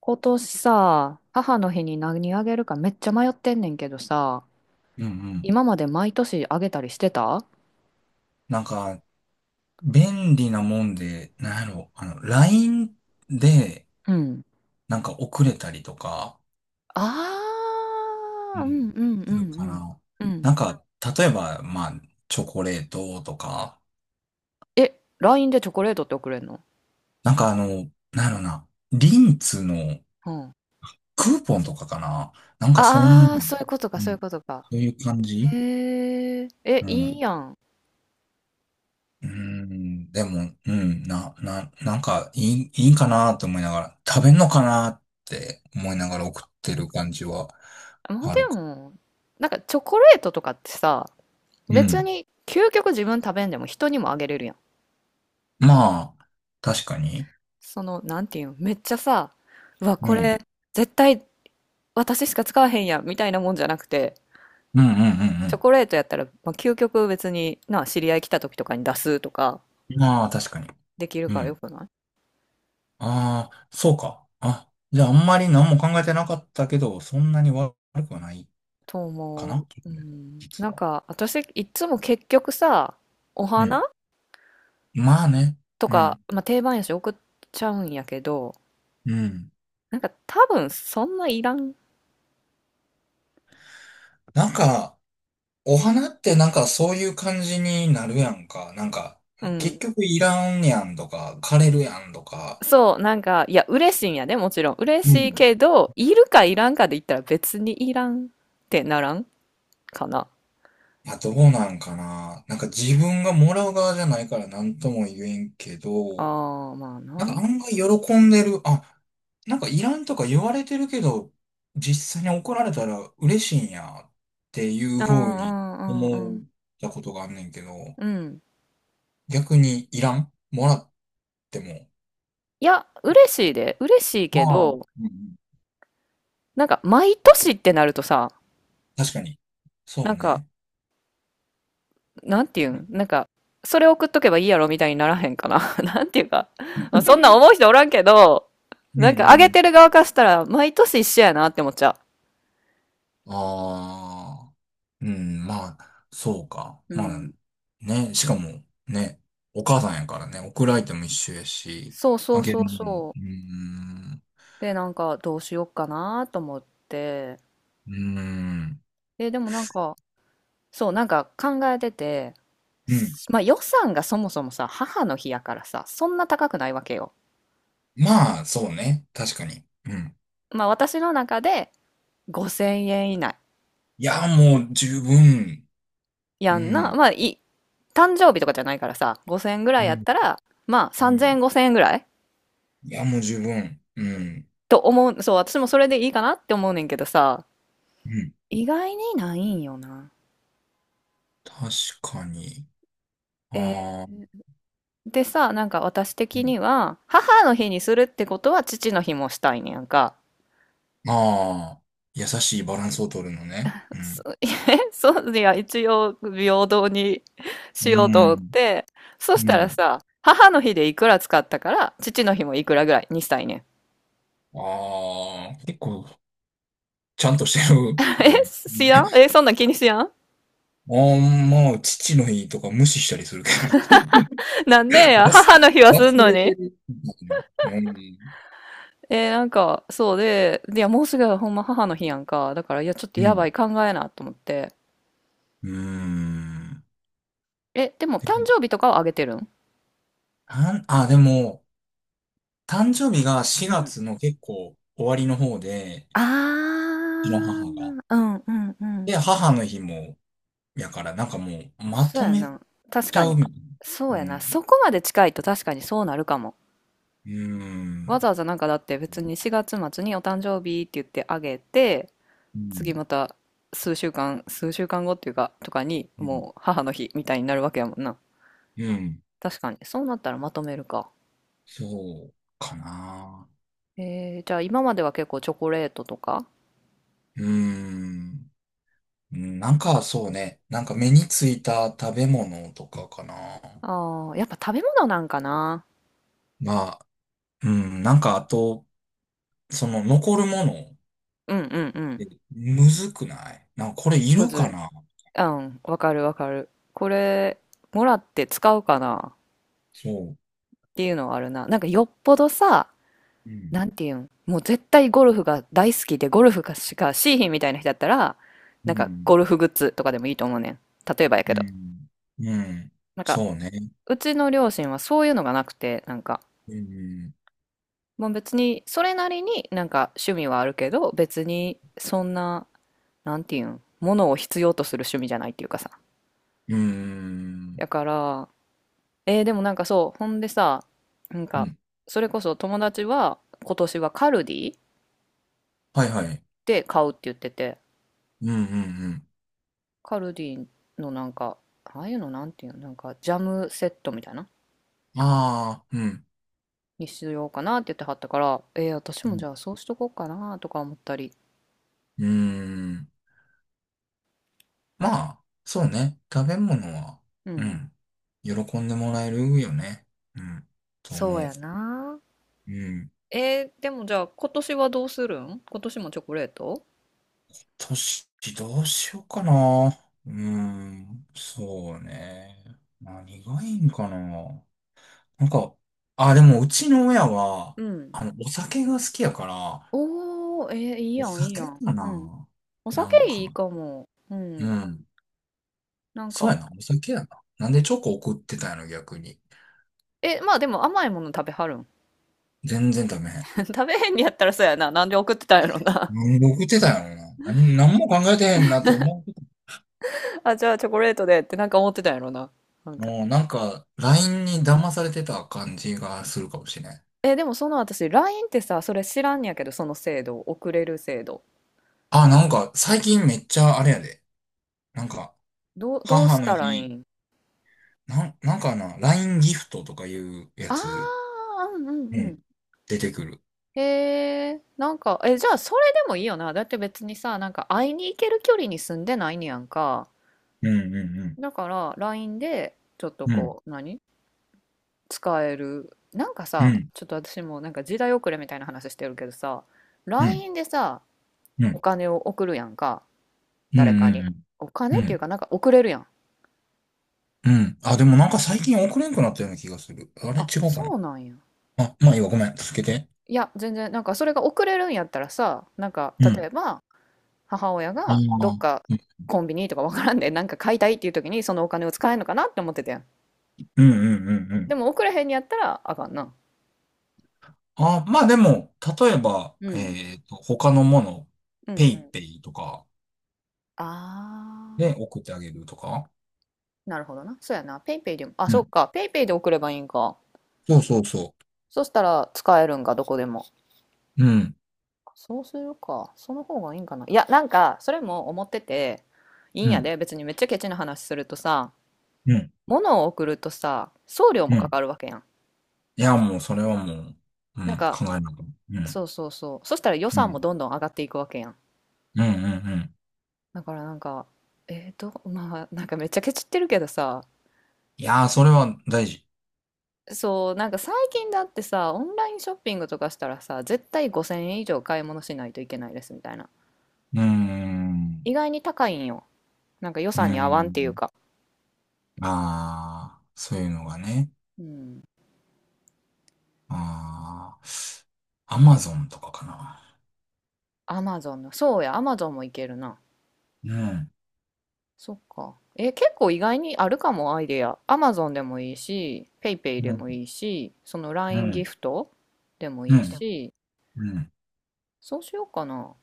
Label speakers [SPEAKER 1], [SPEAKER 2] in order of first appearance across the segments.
[SPEAKER 1] 今年さ、母の日に何あげるかめっちゃ迷ってんねんけどさ、
[SPEAKER 2] うんうん。
[SPEAKER 1] 今まで毎年あげたりしてた。
[SPEAKER 2] なんか、便利なもんで、なんやろ、あの、LINE で、
[SPEAKER 1] うん。
[SPEAKER 2] なんか遅れたりとか、
[SPEAKER 1] あ
[SPEAKER 2] う
[SPEAKER 1] ー、う
[SPEAKER 2] ん。
[SPEAKER 1] んうんうんう
[SPEAKER 2] するか
[SPEAKER 1] ん。
[SPEAKER 2] な。
[SPEAKER 1] うん。
[SPEAKER 2] なんか、例えば、まあ、チョコレートとか、
[SPEAKER 1] え、LINE でチョコレートって送れんの？
[SPEAKER 2] なんかあの、なんやろな、リンツの
[SPEAKER 1] うん。
[SPEAKER 2] クーポンとかかな。なんかう
[SPEAKER 1] あー、そういうことか、そういう
[SPEAKER 2] ん、
[SPEAKER 1] ことか。
[SPEAKER 2] そういう感じ。
[SPEAKER 1] へー。え、
[SPEAKER 2] う
[SPEAKER 1] いい
[SPEAKER 2] ん。
[SPEAKER 1] やん。
[SPEAKER 2] うーん、でも、うん、なんか、いいかなと思いながら、食べんのかなって思いながら送ってる感じは
[SPEAKER 1] まあ、
[SPEAKER 2] ある
[SPEAKER 1] で
[SPEAKER 2] か。
[SPEAKER 1] も、チョコレートとかってさ、
[SPEAKER 2] う
[SPEAKER 1] 別
[SPEAKER 2] ん。
[SPEAKER 1] に究極自分食べんでも人にもあげれるやん。
[SPEAKER 2] まあ、確かに。
[SPEAKER 1] その、なんていうの、めっちゃさ、うわ、こ
[SPEAKER 2] うん。
[SPEAKER 1] れ、絶対私しか使わへんやんみたいなもんじゃなくて、
[SPEAKER 2] うんうんう
[SPEAKER 1] チョ
[SPEAKER 2] ん
[SPEAKER 1] コレートやったら、まあ、究極別にな、知り合い来た時とかに出すとか
[SPEAKER 2] うん。まあ、確かに。
[SPEAKER 1] できる
[SPEAKER 2] う
[SPEAKER 1] からよ
[SPEAKER 2] ん。
[SPEAKER 1] くない？
[SPEAKER 2] ああ、そうか。あ、じゃあ、あんまり何も考えてなかったけど、そんなに悪くはない
[SPEAKER 1] と
[SPEAKER 2] か
[SPEAKER 1] 思う。
[SPEAKER 2] な、
[SPEAKER 1] うん。
[SPEAKER 2] 実は。
[SPEAKER 1] 私、いつも結局さ、お
[SPEAKER 2] うん。
[SPEAKER 1] 花
[SPEAKER 2] まあね。
[SPEAKER 1] と
[SPEAKER 2] う
[SPEAKER 1] か、
[SPEAKER 2] ん。
[SPEAKER 1] まあ、定番やし送っちゃうんやけど、
[SPEAKER 2] うん。
[SPEAKER 1] なんか多分そんないらん。
[SPEAKER 2] なんか、お花ってなんかそういう感じになるやんか。なんか、
[SPEAKER 1] う
[SPEAKER 2] 結
[SPEAKER 1] ん。
[SPEAKER 2] 局いらんやんとか、枯れるやんとか。
[SPEAKER 1] そう、いや、嬉しいんやね、もちろん。嬉
[SPEAKER 2] う
[SPEAKER 1] しい
[SPEAKER 2] ん。
[SPEAKER 1] けど、いるかいらんかで言ったら別にいらんってならんかな。
[SPEAKER 2] まあどうなんかな。なんか自分がもらう側じゃないから何とも言えんけど、
[SPEAKER 1] ああ、まあ
[SPEAKER 2] なん
[SPEAKER 1] な。
[SPEAKER 2] か案外喜んでる。あ、なんかいらんとか言われてるけど、実際に怒られたら嬉しいんやっていう
[SPEAKER 1] うんう
[SPEAKER 2] 風に
[SPEAKER 1] んうんう
[SPEAKER 2] 思っ
[SPEAKER 1] ん。
[SPEAKER 2] たことがあんねんけど、
[SPEAKER 1] うん。
[SPEAKER 2] 逆にいらんもらっても。
[SPEAKER 1] いや、嬉しいで、嬉しいけ
[SPEAKER 2] ああ。
[SPEAKER 1] ど、
[SPEAKER 2] うんうん、
[SPEAKER 1] 毎年ってなるとさ、
[SPEAKER 2] 確かに。そ
[SPEAKER 1] な
[SPEAKER 2] う
[SPEAKER 1] んか、
[SPEAKER 2] ね。
[SPEAKER 1] なんていう
[SPEAKER 2] う
[SPEAKER 1] ん、なんか、それ送っとけばいいやろみたいにならへんかな。なんていうか、まあそんなん思う人おらんけど、
[SPEAKER 2] んう
[SPEAKER 1] あげ
[SPEAKER 2] ん。
[SPEAKER 1] てる側からしたら、毎年一緒やなって思っちゃ
[SPEAKER 2] ああ、うん、まあ、そうか。
[SPEAKER 1] う。う
[SPEAKER 2] ま
[SPEAKER 1] ん。
[SPEAKER 2] あ、ね、しかも、ね、お母さんやからね、送る相手も一緒やし、
[SPEAKER 1] そうそ
[SPEAKER 2] あ
[SPEAKER 1] う
[SPEAKER 2] げ
[SPEAKER 1] そ
[SPEAKER 2] る
[SPEAKER 1] う
[SPEAKER 2] のも、
[SPEAKER 1] そ
[SPEAKER 2] うーん、
[SPEAKER 1] う。で、どうしよっかなと思って、
[SPEAKER 2] うーん、
[SPEAKER 1] え、でも考えてて、
[SPEAKER 2] うん。
[SPEAKER 1] まあ予算がそもそもさ、母の日やからさ、そんな高くないわけよ。
[SPEAKER 2] まあ、そうね、確かに。うん。
[SPEAKER 1] まあ私の中で5000円以内
[SPEAKER 2] いや、もう十分、う
[SPEAKER 1] やんな。
[SPEAKER 2] ん、
[SPEAKER 1] まあい、誕生日とかじゃないからさ、5000円ぐ
[SPEAKER 2] う
[SPEAKER 1] らいやっ
[SPEAKER 2] ん、
[SPEAKER 1] たら、まあ
[SPEAKER 2] う
[SPEAKER 1] 3000
[SPEAKER 2] ん。
[SPEAKER 1] 円5000円ぐらい
[SPEAKER 2] いや、もう十分、うん、
[SPEAKER 1] と思う。そう、私もそれでいいかなって思うねんけどさ、
[SPEAKER 2] うん。
[SPEAKER 1] 意外にないんよな。
[SPEAKER 2] 確かに。
[SPEAKER 1] えー
[SPEAKER 2] ああ、
[SPEAKER 1] でさ、なんか私
[SPEAKER 2] う
[SPEAKER 1] 的
[SPEAKER 2] ん、
[SPEAKER 1] には、母の日にするってことは父の日もしたいねやんか。
[SPEAKER 2] ああ、優しいバランスを取るのね。う
[SPEAKER 1] そ
[SPEAKER 2] ん、
[SPEAKER 1] えそういや一応平等に
[SPEAKER 2] う
[SPEAKER 1] しようと思っ
[SPEAKER 2] ん。
[SPEAKER 1] てそし
[SPEAKER 2] う
[SPEAKER 1] たら
[SPEAKER 2] ん。
[SPEAKER 1] さ母の日でいくら使ったから父の日もいくらぐらいにしたいねん。
[SPEAKER 2] ああ、結構、ちゃんとしてる。う
[SPEAKER 1] え、
[SPEAKER 2] ん、
[SPEAKER 1] しやんえ、そんなん気にしやん。
[SPEAKER 2] あんまあ、父の日とか無視したりするけど。
[SPEAKER 1] なんで や、
[SPEAKER 2] 忘、
[SPEAKER 1] 母の日はすん
[SPEAKER 2] 忘
[SPEAKER 1] の
[SPEAKER 2] れ
[SPEAKER 1] に。
[SPEAKER 2] てるみたいな。うん。
[SPEAKER 1] えーなんか、そうで、いや、もうすぐほんま母の日やんか。だから、いや、ちょっと
[SPEAKER 2] う
[SPEAKER 1] やば
[SPEAKER 2] ん。
[SPEAKER 1] い、考えなと思って。
[SPEAKER 2] うーん。
[SPEAKER 1] え、でも、誕生日とかはあげてるん？
[SPEAKER 2] たんあ、でも、誕生日が
[SPEAKER 1] う
[SPEAKER 2] 4
[SPEAKER 1] ん。
[SPEAKER 2] 月の結構終わりの方で、
[SPEAKER 1] あ
[SPEAKER 2] うちの
[SPEAKER 1] ー、
[SPEAKER 2] 母が。
[SPEAKER 1] うんうんうん。
[SPEAKER 2] で、母の日も、やから、なんかもう、ま
[SPEAKER 1] そう
[SPEAKER 2] と
[SPEAKER 1] や
[SPEAKER 2] め
[SPEAKER 1] な。確
[SPEAKER 2] ち
[SPEAKER 1] か
[SPEAKER 2] ゃ
[SPEAKER 1] に。
[SPEAKER 2] うみたい
[SPEAKER 1] そう
[SPEAKER 2] な。う
[SPEAKER 1] やな。
[SPEAKER 2] ん。
[SPEAKER 1] そこまで近いと確かにそうなるかも。
[SPEAKER 2] うー
[SPEAKER 1] わざ
[SPEAKER 2] ん。
[SPEAKER 1] わざなんかだって別に4月末にお誕生日って言ってあげて、
[SPEAKER 2] う
[SPEAKER 1] 次
[SPEAKER 2] ん。
[SPEAKER 1] また数週間、数週間後っていうか、とかに、
[SPEAKER 2] うん。
[SPEAKER 1] もう母の日みたいになるわけやもんな。
[SPEAKER 2] うん。
[SPEAKER 1] 確かに。そうなったらまとめるか。
[SPEAKER 2] そうかな。
[SPEAKER 1] えー、じゃあ今までは結構チョコレートとか？
[SPEAKER 2] うーん。なんかそうね。なんか目についた食べ物とかかな。
[SPEAKER 1] ああ、やっぱ食べ物なんかな。
[SPEAKER 2] まあ、うん。なんかあと、その残るもの、
[SPEAKER 1] うんうんう
[SPEAKER 2] え
[SPEAKER 1] ん。
[SPEAKER 2] むずくない？なんかこれい
[SPEAKER 1] む
[SPEAKER 2] るか
[SPEAKER 1] ずい。
[SPEAKER 2] な？
[SPEAKER 1] うん、わかるわかる。これ、もらって使うかなっ
[SPEAKER 2] そ
[SPEAKER 1] ていうのはあるな。なんかよっぽどさ、
[SPEAKER 2] う。うん。
[SPEAKER 1] なんていうん、もう絶対ゴルフが大好きでゴルフがしかしーひんみたいな人だったら、
[SPEAKER 2] う
[SPEAKER 1] なんか
[SPEAKER 2] ん。
[SPEAKER 1] ゴルフグッズとかでもいいと思うねん。例えばやけ
[SPEAKER 2] う
[SPEAKER 1] ど。
[SPEAKER 2] ん。うん。
[SPEAKER 1] なんか
[SPEAKER 2] そうね。
[SPEAKER 1] うちの両親はそういうのがなくて、
[SPEAKER 2] うん。
[SPEAKER 1] もう別に、それなりになんか趣味はあるけど、別にそんな、なんていうん、ものを必要とする趣味じゃないっていうかさ。
[SPEAKER 2] うん。
[SPEAKER 1] だから、えーでもなんかそう、ほんでさ、なん
[SPEAKER 2] う
[SPEAKER 1] か、
[SPEAKER 2] ん。
[SPEAKER 1] それこそ友達は今年はカルディ
[SPEAKER 2] はいはい。
[SPEAKER 1] で買うって言ってて、
[SPEAKER 2] うんうん
[SPEAKER 1] カルディのなんか、ああいうのなんていうの、なんかジャムセットみたいな、
[SPEAKER 2] うん。ああ、うん。
[SPEAKER 1] にしようかなって言ってはったから、えー私
[SPEAKER 2] う
[SPEAKER 1] もじ
[SPEAKER 2] ん。
[SPEAKER 1] ゃあそうしとこうかなとか思ったり。
[SPEAKER 2] うん、まあ、そうね。食べ物は、
[SPEAKER 1] う
[SPEAKER 2] う
[SPEAKER 1] ん。
[SPEAKER 2] ん。喜んでもらえるよね。うん。と
[SPEAKER 1] そ
[SPEAKER 2] 思
[SPEAKER 1] う
[SPEAKER 2] う。
[SPEAKER 1] やなー
[SPEAKER 2] うん。
[SPEAKER 1] えーでもじゃあ今年はどうするん？今年もチョコレート？
[SPEAKER 2] 年、どうしようかな。うん。そうね。何がいいんかな。なんか、あ、でも、うちの親は、
[SPEAKER 1] うん。
[SPEAKER 2] あの、お酒が好きやから、
[SPEAKER 1] おー、えーいい
[SPEAKER 2] お
[SPEAKER 1] やん、いいや
[SPEAKER 2] 酒
[SPEAKER 1] ん。
[SPEAKER 2] か
[SPEAKER 1] うん。
[SPEAKER 2] な。
[SPEAKER 1] お
[SPEAKER 2] な
[SPEAKER 1] 酒
[SPEAKER 2] んか、
[SPEAKER 1] いいかも。う
[SPEAKER 2] う
[SPEAKER 1] ん。
[SPEAKER 2] ん。
[SPEAKER 1] なん
[SPEAKER 2] そう
[SPEAKER 1] か、
[SPEAKER 2] やな。お酒やな。なんでチョコ送ってたんやろ、逆に。
[SPEAKER 1] え、まあでも甘いもの食べはるん？
[SPEAKER 2] 全然ダメ。
[SPEAKER 1] 食べへんにやったらそうやな。なんで送ってたんやろな。
[SPEAKER 2] 送僕ってたよな。何も考えてへんなと思
[SPEAKER 1] あ、じゃあチョコレートでってなんか思ってたんやろな。なん
[SPEAKER 2] う。
[SPEAKER 1] か。
[SPEAKER 2] もうなんか、LINE に騙されてた感じがするかもしれない。
[SPEAKER 1] えでもその私、LINE ってさ、それ知らんやけど、その制度、送れる制度。
[SPEAKER 2] あ、なんか、最近めっちゃあれやで。なんか、
[SPEAKER 1] どう、どう
[SPEAKER 2] 母
[SPEAKER 1] し
[SPEAKER 2] の
[SPEAKER 1] たらいい
[SPEAKER 2] 日、
[SPEAKER 1] ん？
[SPEAKER 2] なんかな、LINE ギフトとかいうや
[SPEAKER 1] あ
[SPEAKER 2] つ、
[SPEAKER 1] あー、うんう
[SPEAKER 2] う
[SPEAKER 1] んうん。
[SPEAKER 2] ん、出てくる。
[SPEAKER 1] へえ、なんか、え、じゃあそれでもいいよな。だって別にさ、なんか会いに行ける距離に住んでないねやんか。
[SPEAKER 2] うんう
[SPEAKER 1] だから LINE でちょっと
[SPEAKER 2] んうん。うん、
[SPEAKER 1] こう、何使える。なんか
[SPEAKER 2] う
[SPEAKER 1] さ、
[SPEAKER 2] ん、
[SPEAKER 1] ちょっと私もなんか時代遅れみたいな話してるけどさ、
[SPEAKER 2] うん、
[SPEAKER 1] LINE でさ、
[SPEAKER 2] う
[SPEAKER 1] お
[SPEAKER 2] ん、
[SPEAKER 1] 金を送るやんか、
[SPEAKER 2] う
[SPEAKER 1] 誰かに。
[SPEAKER 2] ん、
[SPEAKER 1] お
[SPEAKER 2] うん、う
[SPEAKER 1] 金っていう
[SPEAKER 2] ん。
[SPEAKER 1] かなんか送れるやん。
[SPEAKER 2] うん、あ、でもなんか最近送れんくなったような気がする。あれ違
[SPEAKER 1] あ、
[SPEAKER 2] うか
[SPEAKER 1] そ
[SPEAKER 2] な。
[SPEAKER 1] うなんや。
[SPEAKER 2] あ、まあいいわ、ごめん。続けて。
[SPEAKER 1] いや、全然、なんかそれが送れるんやったらさ、なんか
[SPEAKER 2] う
[SPEAKER 1] 例
[SPEAKER 2] ん。
[SPEAKER 1] えば、母親
[SPEAKER 2] あ
[SPEAKER 1] がどっか
[SPEAKER 2] あ。
[SPEAKER 1] コンビニとかわからんでなんか買いたいっていう時にそのお金を使えんのかなって思ってたやん。
[SPEAKER 2] うんうんうんう
[SPEAKER 1] で
[SPEAKER 2] ん、
[SPEAKER 1] も送らへんにやったらあかんな。
[SPEAKER 2] あ、まあでも、例えば、
[SPEAKER 1] うん。
[SPEAKER 2] 他のもの、
[SPEAKER 1] うん
[SPEAKER 2] ペ
[SPEAKER 1] う
[SPEAKER 2] イ
[SPEAKER 1] ん
[SPEAKER 2] ペイとかで
[SPEAKER 1] あ
[SPEAKER 2] 送ってあげるとか。
[SPEAKER 1] ーなるほどなそうやなペイペイでもあ
[SPEAKER 2] う
[SPEAKER 1] そう
[SPEAKER 2] ん。
[SPEAKER 1] かペイペイで送ればいいんか。
[SPEAKER 2] そうそうそ
[SPEAKER 1] そしたら使えるんかどこでも。
[SPEAKER 2] う。うん。
[SPEAKER 1] そうするかその方がいいんかな。いやなんかそれも思ってていいん
[SPEAKER 2] う
[SPEAKER 1] や
[SPEAKER 2] ん。
[SPEAKER 1] で別にめっちゃケチな話するとさ
[SPEAKER 2] うん。
[SPEAKER 1] 物を送るとさ送料も
[SPEAKER 2] う
[SPEAKER 1] か
[SPEAKER 2] ん。
[SPEAKER 1] かるわけやん。
[SPEAKER 2] いや、もう、それはもう、う
[SPEAKER 1] なん
[SPEAKER 2] ん、
[SPEAKER 1] か
[SPEAKER 2] 考えなくて。うん。
[SPEAKER 1] そうそうそうそしたら予
[SPEAKER 2] う
[SPEAKER 1] 算も
[SPEAKER 2] ん。
[SPEAKER 1] どんどん上がっていくわけやん。
[SPEAKER 2] うん。うん。うん、
[SPEAKER 1] だからなんか、えーと、まあなんかめっちゃケチってるけどさ、
[SPEAKER 2] いやー、それは大事。
[SPEAKER 1] そう、なんか最近だってさ、オンラインショッピングとかしたらさ、絶対5000円以上買い物しないといけないですみたいな。
[SPEAKER 2] うーん。
[SPEAKER 1] 意外に高いんよ。なんか予
[SPEAKER 2] う
[SPEAKER 1] 算に合
[SPEAKER 2] ー
[SPEAKER 1] わんっていう
[SPEAKER 2] ん。
[SPEAKER 1] か。
[SPEAKER 2] ああ、そういうのがね。
[SPEAKER 1] うん。
[SPEAKER 2] ああ、アマゾンとかかな。
[SPEAKER 1] アマゾンの、そうや、アマゾンもいけるな。
[SPEAKER 2] うん。
[SPEAKER 1] そっか。え、結構意外にあるかも、アイデア。アマゾンでもいいし、ペイペイで
[SPEAKER 2] うん。
[SPEAKER 1] もいいし、その
[SPEAKER 2] う
[SPEAKER 1] LINE ギ
[SPEAKER 2] ん。
[SPEAKER 1] フトでも
[SPEAKER 2] う
[SPEAKER 1] いい
[SPEAKER 2] ん。
[SPEAKER 1] し、
[SPEAKER 2] うん。
[SPEAKER 1] そうしようかな。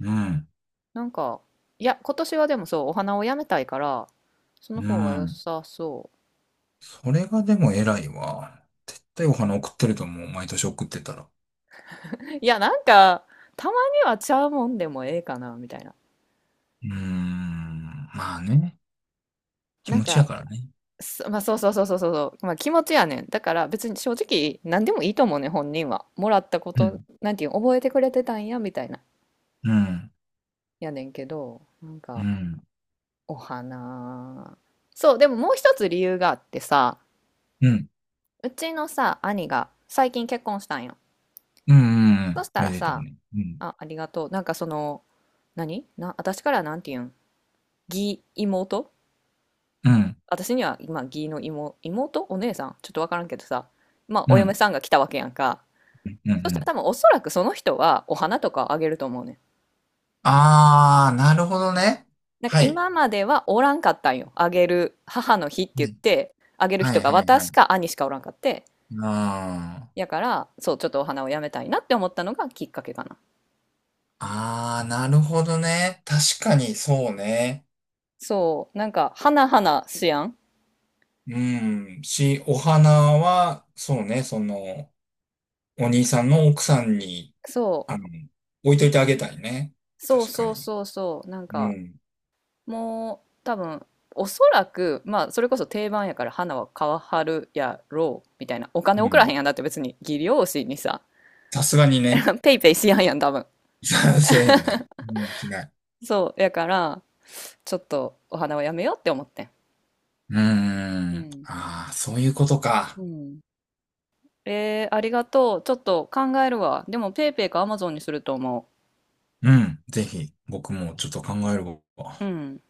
[SPEAKER 2] うん。
[SPEAKER 1] なんか、いや、今年はでもそう、お花をやめたいから、その
[SPEAKER 2] う
[SPEAKER 1] 方が良
[SPEAKER 2] ん。
[SPEAKER 1] さそ
[SPEAKER 2] それがでも偉いわ。絶対お花送ってると思う。毎年送ってたら。う
[SPEAKER 1] う。いや、なんか、たまにはちゃうもんでもええかな、みたいな。
[SPEAKER 2] ーん。まあね。気
[SPEAKER 1] なん
[SPEAKER 2] 持ち
[SPEAKER 1] か、
[SPEAKER 2] やからね。
[SPEAKER 1] まあ、そうそうそうそうそうそう、まあ、気持ちやねん。だから別に正直、何でもいいと思うねん、本人は。もらったこ
[SPEAKER 2] う
[SPEAKER 1] と、
[SPEAKER 2] ん。
[SPEAKER 1] なんていうの、覚えてくれてたんや、みたいな。
[SPEAKER 2] うん。
[SPEAKER 1] やねんけど、なん
[SPEAKER 2] う
[SPEAKER 1] か、
[SPEAKER 2] ん。
[SPEAKER 1] お花。そう、でももう一つ理由があってさ、
[SPEAKER 2] うん。
[SPEAKER 1] うちのさ、兄が最近結婚したんよ。
[SPEAKER 2] うん。う
[SPEAKER 1] そ
[SPEAKER 2] ん、
[SPEAKER 1] した
[SPEAKER 2] め
[SPEAKER 1] ら
[SPEAKER 2] でたい
[SPEAKER 1] さ、
[SPEAKER 2] ね。うん。
[SPEAKER 1] あ、ありがとう。なんかその、何な、私からなんて言うん、義妹、
[SPEAKER 2] うん。
[SPEAKER 1] 私には今、義の妹、妹お姉さんちょっとわからんけどさ。まあ、
[SPEAKER 2] う
[SPEAKER 1] お嫁
[SPEAKER 2] ん。
[SPEAKER 1] さんが来たわけやんか。
[SPEAKER 2] うん。う
[SPEAKER 1] そしたら
[SPEAKER 2] ん、
[SPEAKER 1] 多分おそらくその人はお花とかをあげると思うねん。
[SPEAKER 2] あー、なるほどね。
[SPEAKER 1] なんか
[SPEAKER 2] はい。
[SPEAKER 1] 今まではおらんかったんよ。あげる、母の日って
[SPEAKER 2] う
[SPEAKER 1] 言っ
[SPEAKER 2] ん、
[SPEAKER 1] て、あげる
[SPEAKER 2] は
[SPEAKER 1] 人
[SPEAKER 2] い、
[SPEAKER 1] が
[SPEAKER 2] はい、は
[SPEAKER 1] 私
[SPEAKER 2] い。
[SPEAKER 1] か兄しかおらんかって。
[SPEAKER 2] あ
[SPEAKER 1] や
[SPEAKER 2] ー。
[SPEAKER 1] から、そう、ちょっとお花をやめたいなって思ったのがきっかけかな。
[SPEAKER 2] あー、なるほどね。確かに、そうね。
[SPEAKER 1] そう、なんか、花々しやん。
[SPEAKER 2] うん。お花は、そうね、その、お兄さんの奥さんに、
[SPEAKER 1] そ
[SPEAKER 2] あの、置いといてあげたいね。
[SPEAKER 1] う、そう
[SPEAKER 2] 確か
[SPEAKER 1] そう
[SPEAKER 2] に。
[SPEAKER 1] そうそう、なん
[SPEAKER 2] う
[SPEAKER 1] か、
[SPEAKER 2] ん。
[SPEAKER 1] もう多分おそらくまあそれこそ定番やから花は買わはるやろうみたいな。お金
[SPEAKER 2] う
[SPEAKER 1] 送らへん
[SPEAKER 2] ん。
[SPEAKER 1] やんだって別に技量士にさ
[SPEAKER 2] さすがにね。
[SPEAKER 1] ペイペイしやんやん多分。
[SPEAKER 2] せえへんね。うん、しない。
[SPEAKER 1] そうやからちょっとお花はやめようって思ってん。
[SPEAKER 2] うー
[SPEAKER 1] う
[SPEAKER 2] ん。
[SPEAKER 1] ん。
[SPEAKER 2] ああ、そういうこと
[SPEAKER 1] う
[SPEAKER 2] か。
[SPEAKER 1] ん。えー、ありがとうちょっと考えるわでもペイペイかアマゾンにすると思
[SPEAKER 2] うん。ぜひ、僕もちょっと考える
[SPEAKER 1] う。うん。